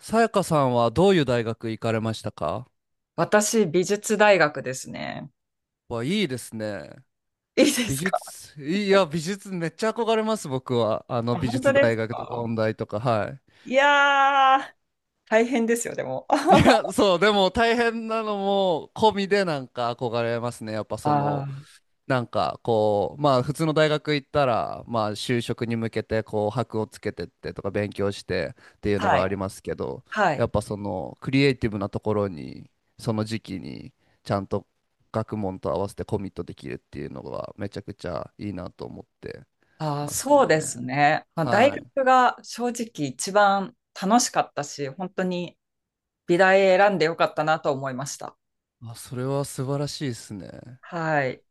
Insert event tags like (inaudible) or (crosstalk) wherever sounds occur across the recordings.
さやかさんはどういう大学行かれましたか？私、美術大学ですね。わ、いいですね。いいで美すか？術、いや、美術めっちゃ憧れます、僕は。あ、美本当術で大す学とかか？音大とか、はいやー、大変ですよ、でも。い。いや、(laughs) そう、でも大変なのも込みでなんか憧れますね。やっぱあその、ー。なんかこうまあ普通の大学行ったらまあ就職に向けてこう箔をつけてってとか勉強してっていうのはがありい。ますけど、はやい。っぱそのクリエイティブなところにその時期にちゃんと学問と合わせてコミットできるっていうのがめちゃくちゃいいなと思ってあー、ますそね。うですね。まあ、大は学い。が正直一番楽しかったし、本当に美大選んでよかったなと思いました。あ、それは素晴らしいですね。はい。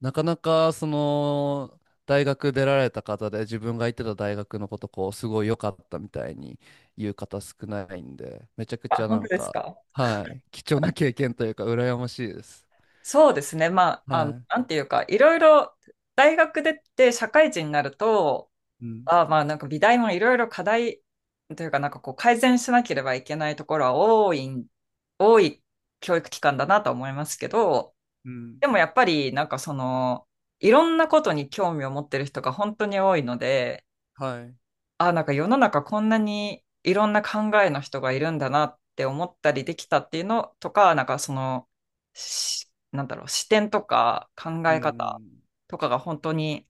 なかなかその大学出られた方で自分が行ってた大学のことこうすごい良かったみたいに言う方少ないんでめちゃくあ、ちゃな本当んですか、か？はい、貴重な経験というか羨ましいです。そうですね。まあ、あの、はい。なんていうか、いろいろ大学出て社会人になると、うん。あ、まあなんか美大もいろいろ課題というかなんかこう改善しなければいけないところは多い教育機関だなと思いますけど、うん。でもやっぱりなんかその、いろんなことに興味を持ってる人が本当に多いので、はい。あ、なんか世の中こんなにいろんな考えの人がいるんだなって思ったりできたっていうのとか、なんかその、なんだろう、視点とか考うんえう方ん。とかが本当に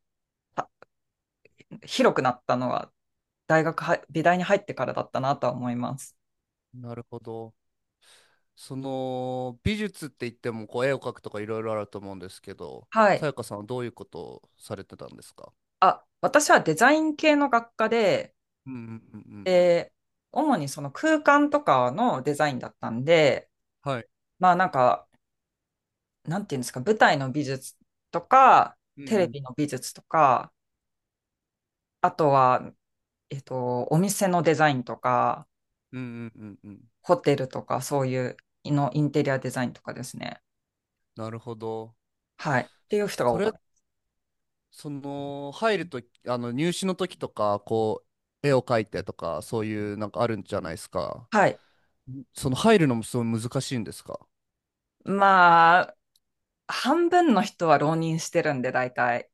あ広くなったのは大学は、美大に入ってからだったなとは思います。なるほど。その美術って言ってもこう絵を描くとかいろいろあると思うんですけど、はさい。やかさんはどういうことをされてたんですか？あ、私はデザイン系の学科で、うんうんうんうん。で、主にその空間とかのデザインだったんで、はい。まあなんか、なんていうんですか、舞台の美術とか、うテレんビの美術とか、あとは、お店のデザインとか、うんうんうんうんうん、ホテルとか、そういうのインテリアデザインとかですね。なるほど。はい。っていう人がそ多かれ、っその、入るとき、入試の時とか、こう、絵を描いてとか、そういう、なんかあるんじゃないですか。た。はい。その、入るのもすごい難しいんですか。まあ、半分の人は浪人してるんで、大体。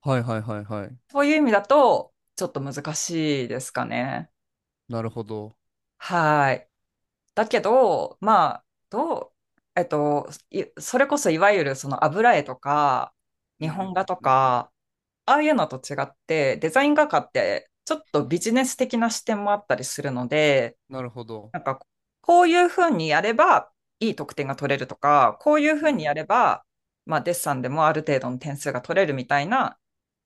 はいはいはいはい。そういう意味だと、ちょっと難しいですかね。なるほど。はい。だけど、まあ、それこそいわゆるその油絵とか、う日んう本ん画とうん、か、ああいうのと違って、デザイン画家ってちょっとビジネス的な視点もあったりするので、なるほど。なんか、こういうふうにやればいい得点が取れるとか、こういうふううにやん。れば、まあ、デッサンでもある程度の点数が取れるみたいな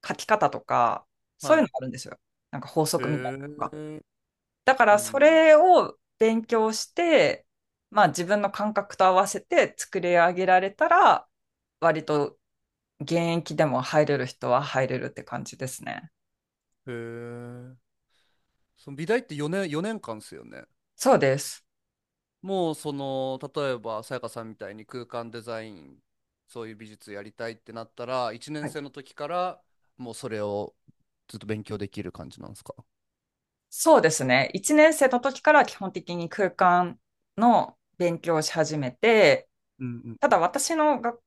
書き方とか、そういはうのい。があるんですよ。なんか法へ則みたいなのが。え。だかうら、そん。れを勉強して、まあ、自分の感覚と合わせて作り上げられたら、割と現役でも入れる人は入れるって感じですね。へえ。その美大って4年、4年間ですよね。そうです。もうその例えばさやかさんみたいに空間デザイン、そういう美術やりたいってなったら1はい。年生の時からもうそれをずっと勉強できる感じなんですか？そうですね。1年生の時から基本的に空間の勉強をし始めて、うんたうだん私のが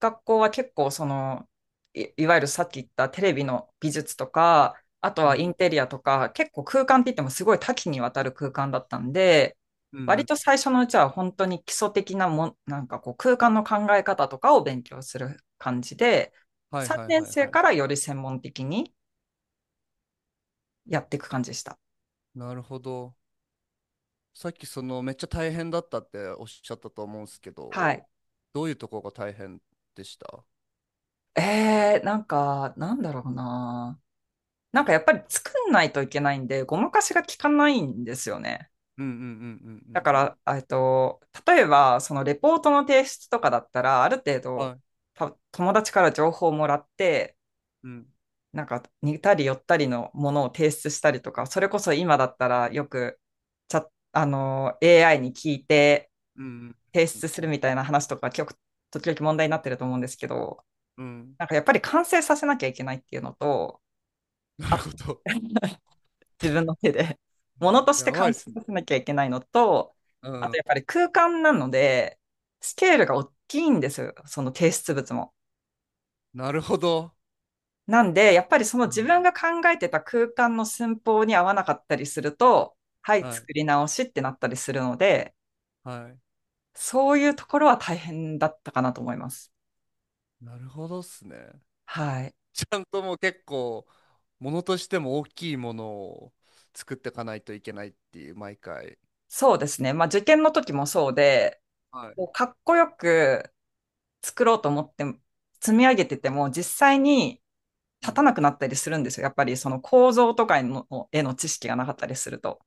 学校は結構その、いわゆるさっき言ったテレビの美術とか、あとうはイんンテリアとか、結構空間って言ってもすごい多岐にわたる空間だったんで、うんう割ん、と最初のうちは本当に基礎的なもん、なんかこう空間の考え方とかを勉強する感じで、はい3はい年はい生はい、からより専門的にやっていく感じでした。なるほど。さっきそのめっちゃ大変だったっておっしゃったと思うんですけど、はい。どういうとこが大変でした？なんか、なんだろうな。なんかやっぱり作んないといけないんで、ごまかしが効かないんですよね。うんうんうんうだんかうんら、例えば、そのレポートの提出とかだったら、ある程うん、度、はい、友達から情報をもらって、うんなんか似たり寄ったりのものを提出したりとか、それこそ今だったらよく、チャッあの、AI に聞いてうん提うん出すうるんみたいな話とか、時々問題になってると思うんですけど、うんうん、なんかやっぱり完成させなきゃいけないっていうのと、なるあ ほど。 (laughs) 自分の手で。(laughs) 物としてやばいっ完成すね。させなきゃいけないのと、うあとん、やっぱり空間なので、スケールが大きいんですよ、その提出物も。なるほど。なんで、やっぱりそのう自ん。分が考えてた空間の寸法に合わなかったりすると、はい、はい作り直しってなったりするので、はい。そういうところは大変だったかなと思います。なるほどっすね。はい。ちゃんともう結構、ものとしても大きいものを作っていかないといけないっていう、毎回。そうですね。まあ受験の時もそうで、はい。こうかっこよく作ろうと思って積み上げてても、実際にう立たん。なくなったりするんですよ。やっぱりその構造とかの絵の知識がなかったりすると。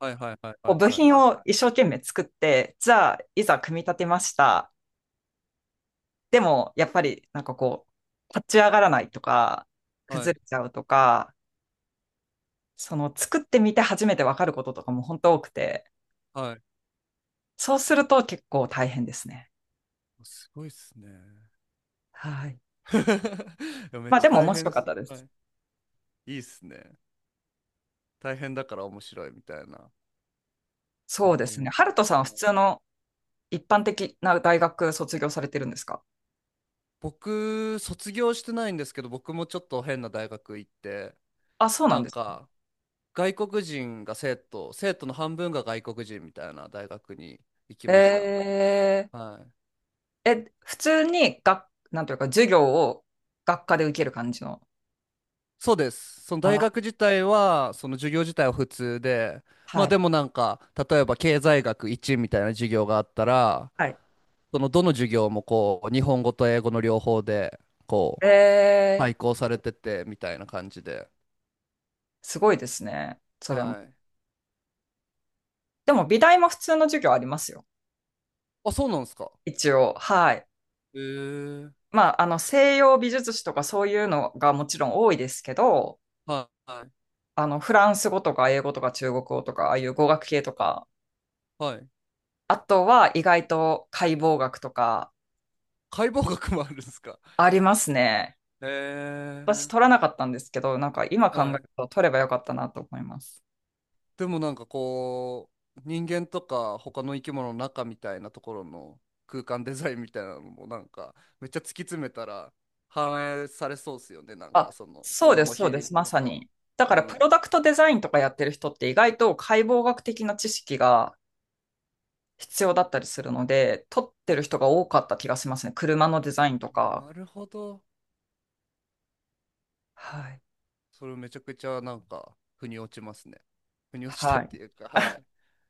はいはいはいはい部はい品はい。を一生懸命作って、じゃあいざ組み立てました。でもやっぱりなんかこう、立ち上がらないとか、は崩い。れちゃうとか、その作ってみて初めてわかることとかも本当多くて、はい。そうすると結構大変ですね。すごいっすね。はい。(laughs) いやめっまあちでゃも大面白変っかっす。たではす。い。いいっすね。大変だから面白いみたいなのそうもでありすね。まハす。ルトさんは普通の一般的な大学卒業されてるんですか？僕、卒業してないんですけど、僕もちょっと変な大学行って、あ、そうななんんです。か、外国人が生徒の半分が外国人みたいな大学に行きえました。はい。え、普通になんというか、授業を学科で受ける感じの。そうです。その大あ、学自体は、その授業自体は普通で、まはあい。でもなんか、例えば経済学1みたいな授業があったら、はい。そのどの授業もこう、日本語と英語の両方で、こう、えー、配校されてて、みたいな感じで。すごいですね。それも。はい。でも、美大も普通の授業ありますよ。あ、そうなんですか。一応。はい。へえ。まあ、あの、西洋美術史とかそういうのがもちろん多いですけど、はい。あの、フランス語とか英語とか中国語とか、ああいう語学系とか、はい。あとは意外と解剖学とか解剖学もあるんですか。ありますね。へ私え。取らなかったんですけど、なんか今考えはるい。と取ればよかったなと思います。でもなんかこう人間とか他の生き物の中みたいなところの空間デザインみたいなのもなんかめっちゃ突き詰めたら (laughs) 反映されそうですよね。なんかあ、そのそもうのでのす、そう比で率す、まとさか。に。だかうら、プロん、ダクトデザインとかやってる人って意外と解剖学的な知識が必要だったりするので、取ってる人が多かった気がしますね。車のデザインとか。なるほど。はい。それめちゃくちゃなんか腑に落ちますね、腑に落ちたっはてい。いうか、はい、へ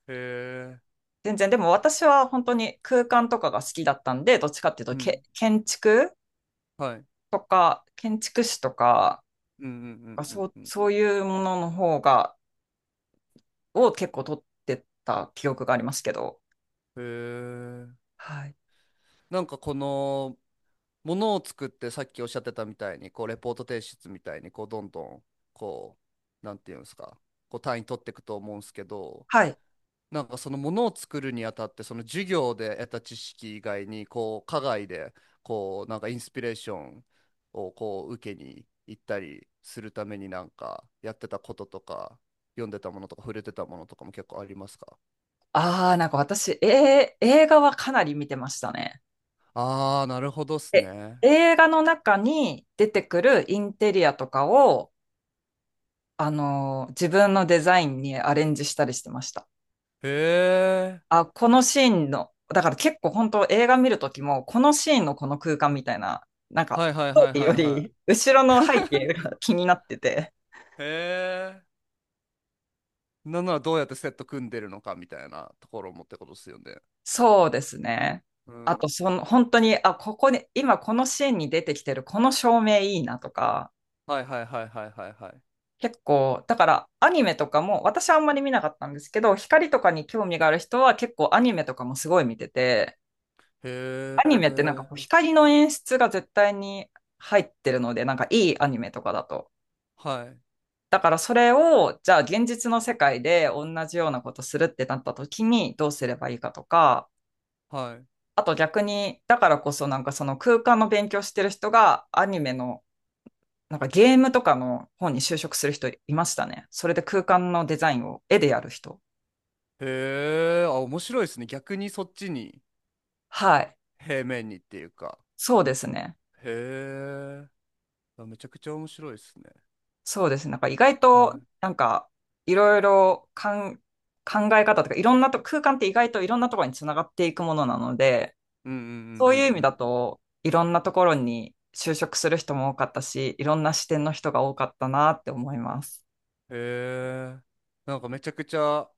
え。全然、でも私は本当に空間とかが好きだったんで、どっちかっていうと、うけ、ん、建築はい、とか、建築士とか、うんうんうんそう、うんそういうものの方が、を結構取ってた記憶がありますけど。うん、へえ。はい。なんかこのものを作って、さっきおっしゃってたみたいにこうレポート提出みたいにこうどんどんこう、なんていうんですか、こう単位取っていくと思うんですけど、はい。なんかそのものを作るにあたってその授業で得た知識以外にこう課外でこうなんかインスピレーションをこう受けに行ったりするためになんかやってたこととか、読んでたものとか、触れてたものとかも結構ありますか？ああ、なんか私、映画はかなり見てましたね。ああー、なるほどっすでね。映画の中に出てくるインテリアとかを、自分のデザインにアレンジしたりしてました。へえ。あ、このシーンの、だから結構本当映画見るときも、このシーンのこの空間みたいな、なんか、はいはいはスいトーリーはよいはり、後ろの背景が気になってて。い。へえ。なんならどうやってセット組んでるのかみたいなところもってことですよね。そうですね。うあと、ん。その、本当に、あ、ここに、今このシーンに出てきてる、この照明いいなとか、はいはいはいはいはいはい。結構、だからアニメとかも、私はあんまり見なかったんですけど、光とかに興味がある人は結構アニメとかもすごい見てて、へアニメってなんかこえ。う光の演出が絶対に入ってるので、なんかいいアニメとかだと。はいだからそれを、じゃあ現実の世界で同じようなことするってなった時にどうすればいいかとか、はい。あと逆に、だからこそなんかその空間の勉強してる人がアニメのなんかゲームとかの方に就職する人いましたね。それで空間のデザインを絵でやる人。へえ。あ、面白いですね。逆にそっちにはい。平面にっていうか。そうですね。へえ。あ、めちゃくちゃ面白いですね。そうですね。なんか意外と、はい。なんか、いろいろ考え方とか、いろんなと、空間って意外といろんなところにつながっていくものなので、うんうんうんそういう意う味んうん。だと、いろんなところに就職する人も多かったし、いろんな視点の人が多かったなって思います。へえ。なんかめちゃくちゃ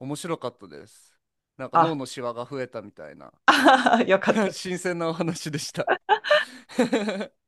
面白かったです。なんか脳あ、のシワが増えたみたいな。 (laughs) よかった。(laughs) 新鮮なお話でした。 (laughs)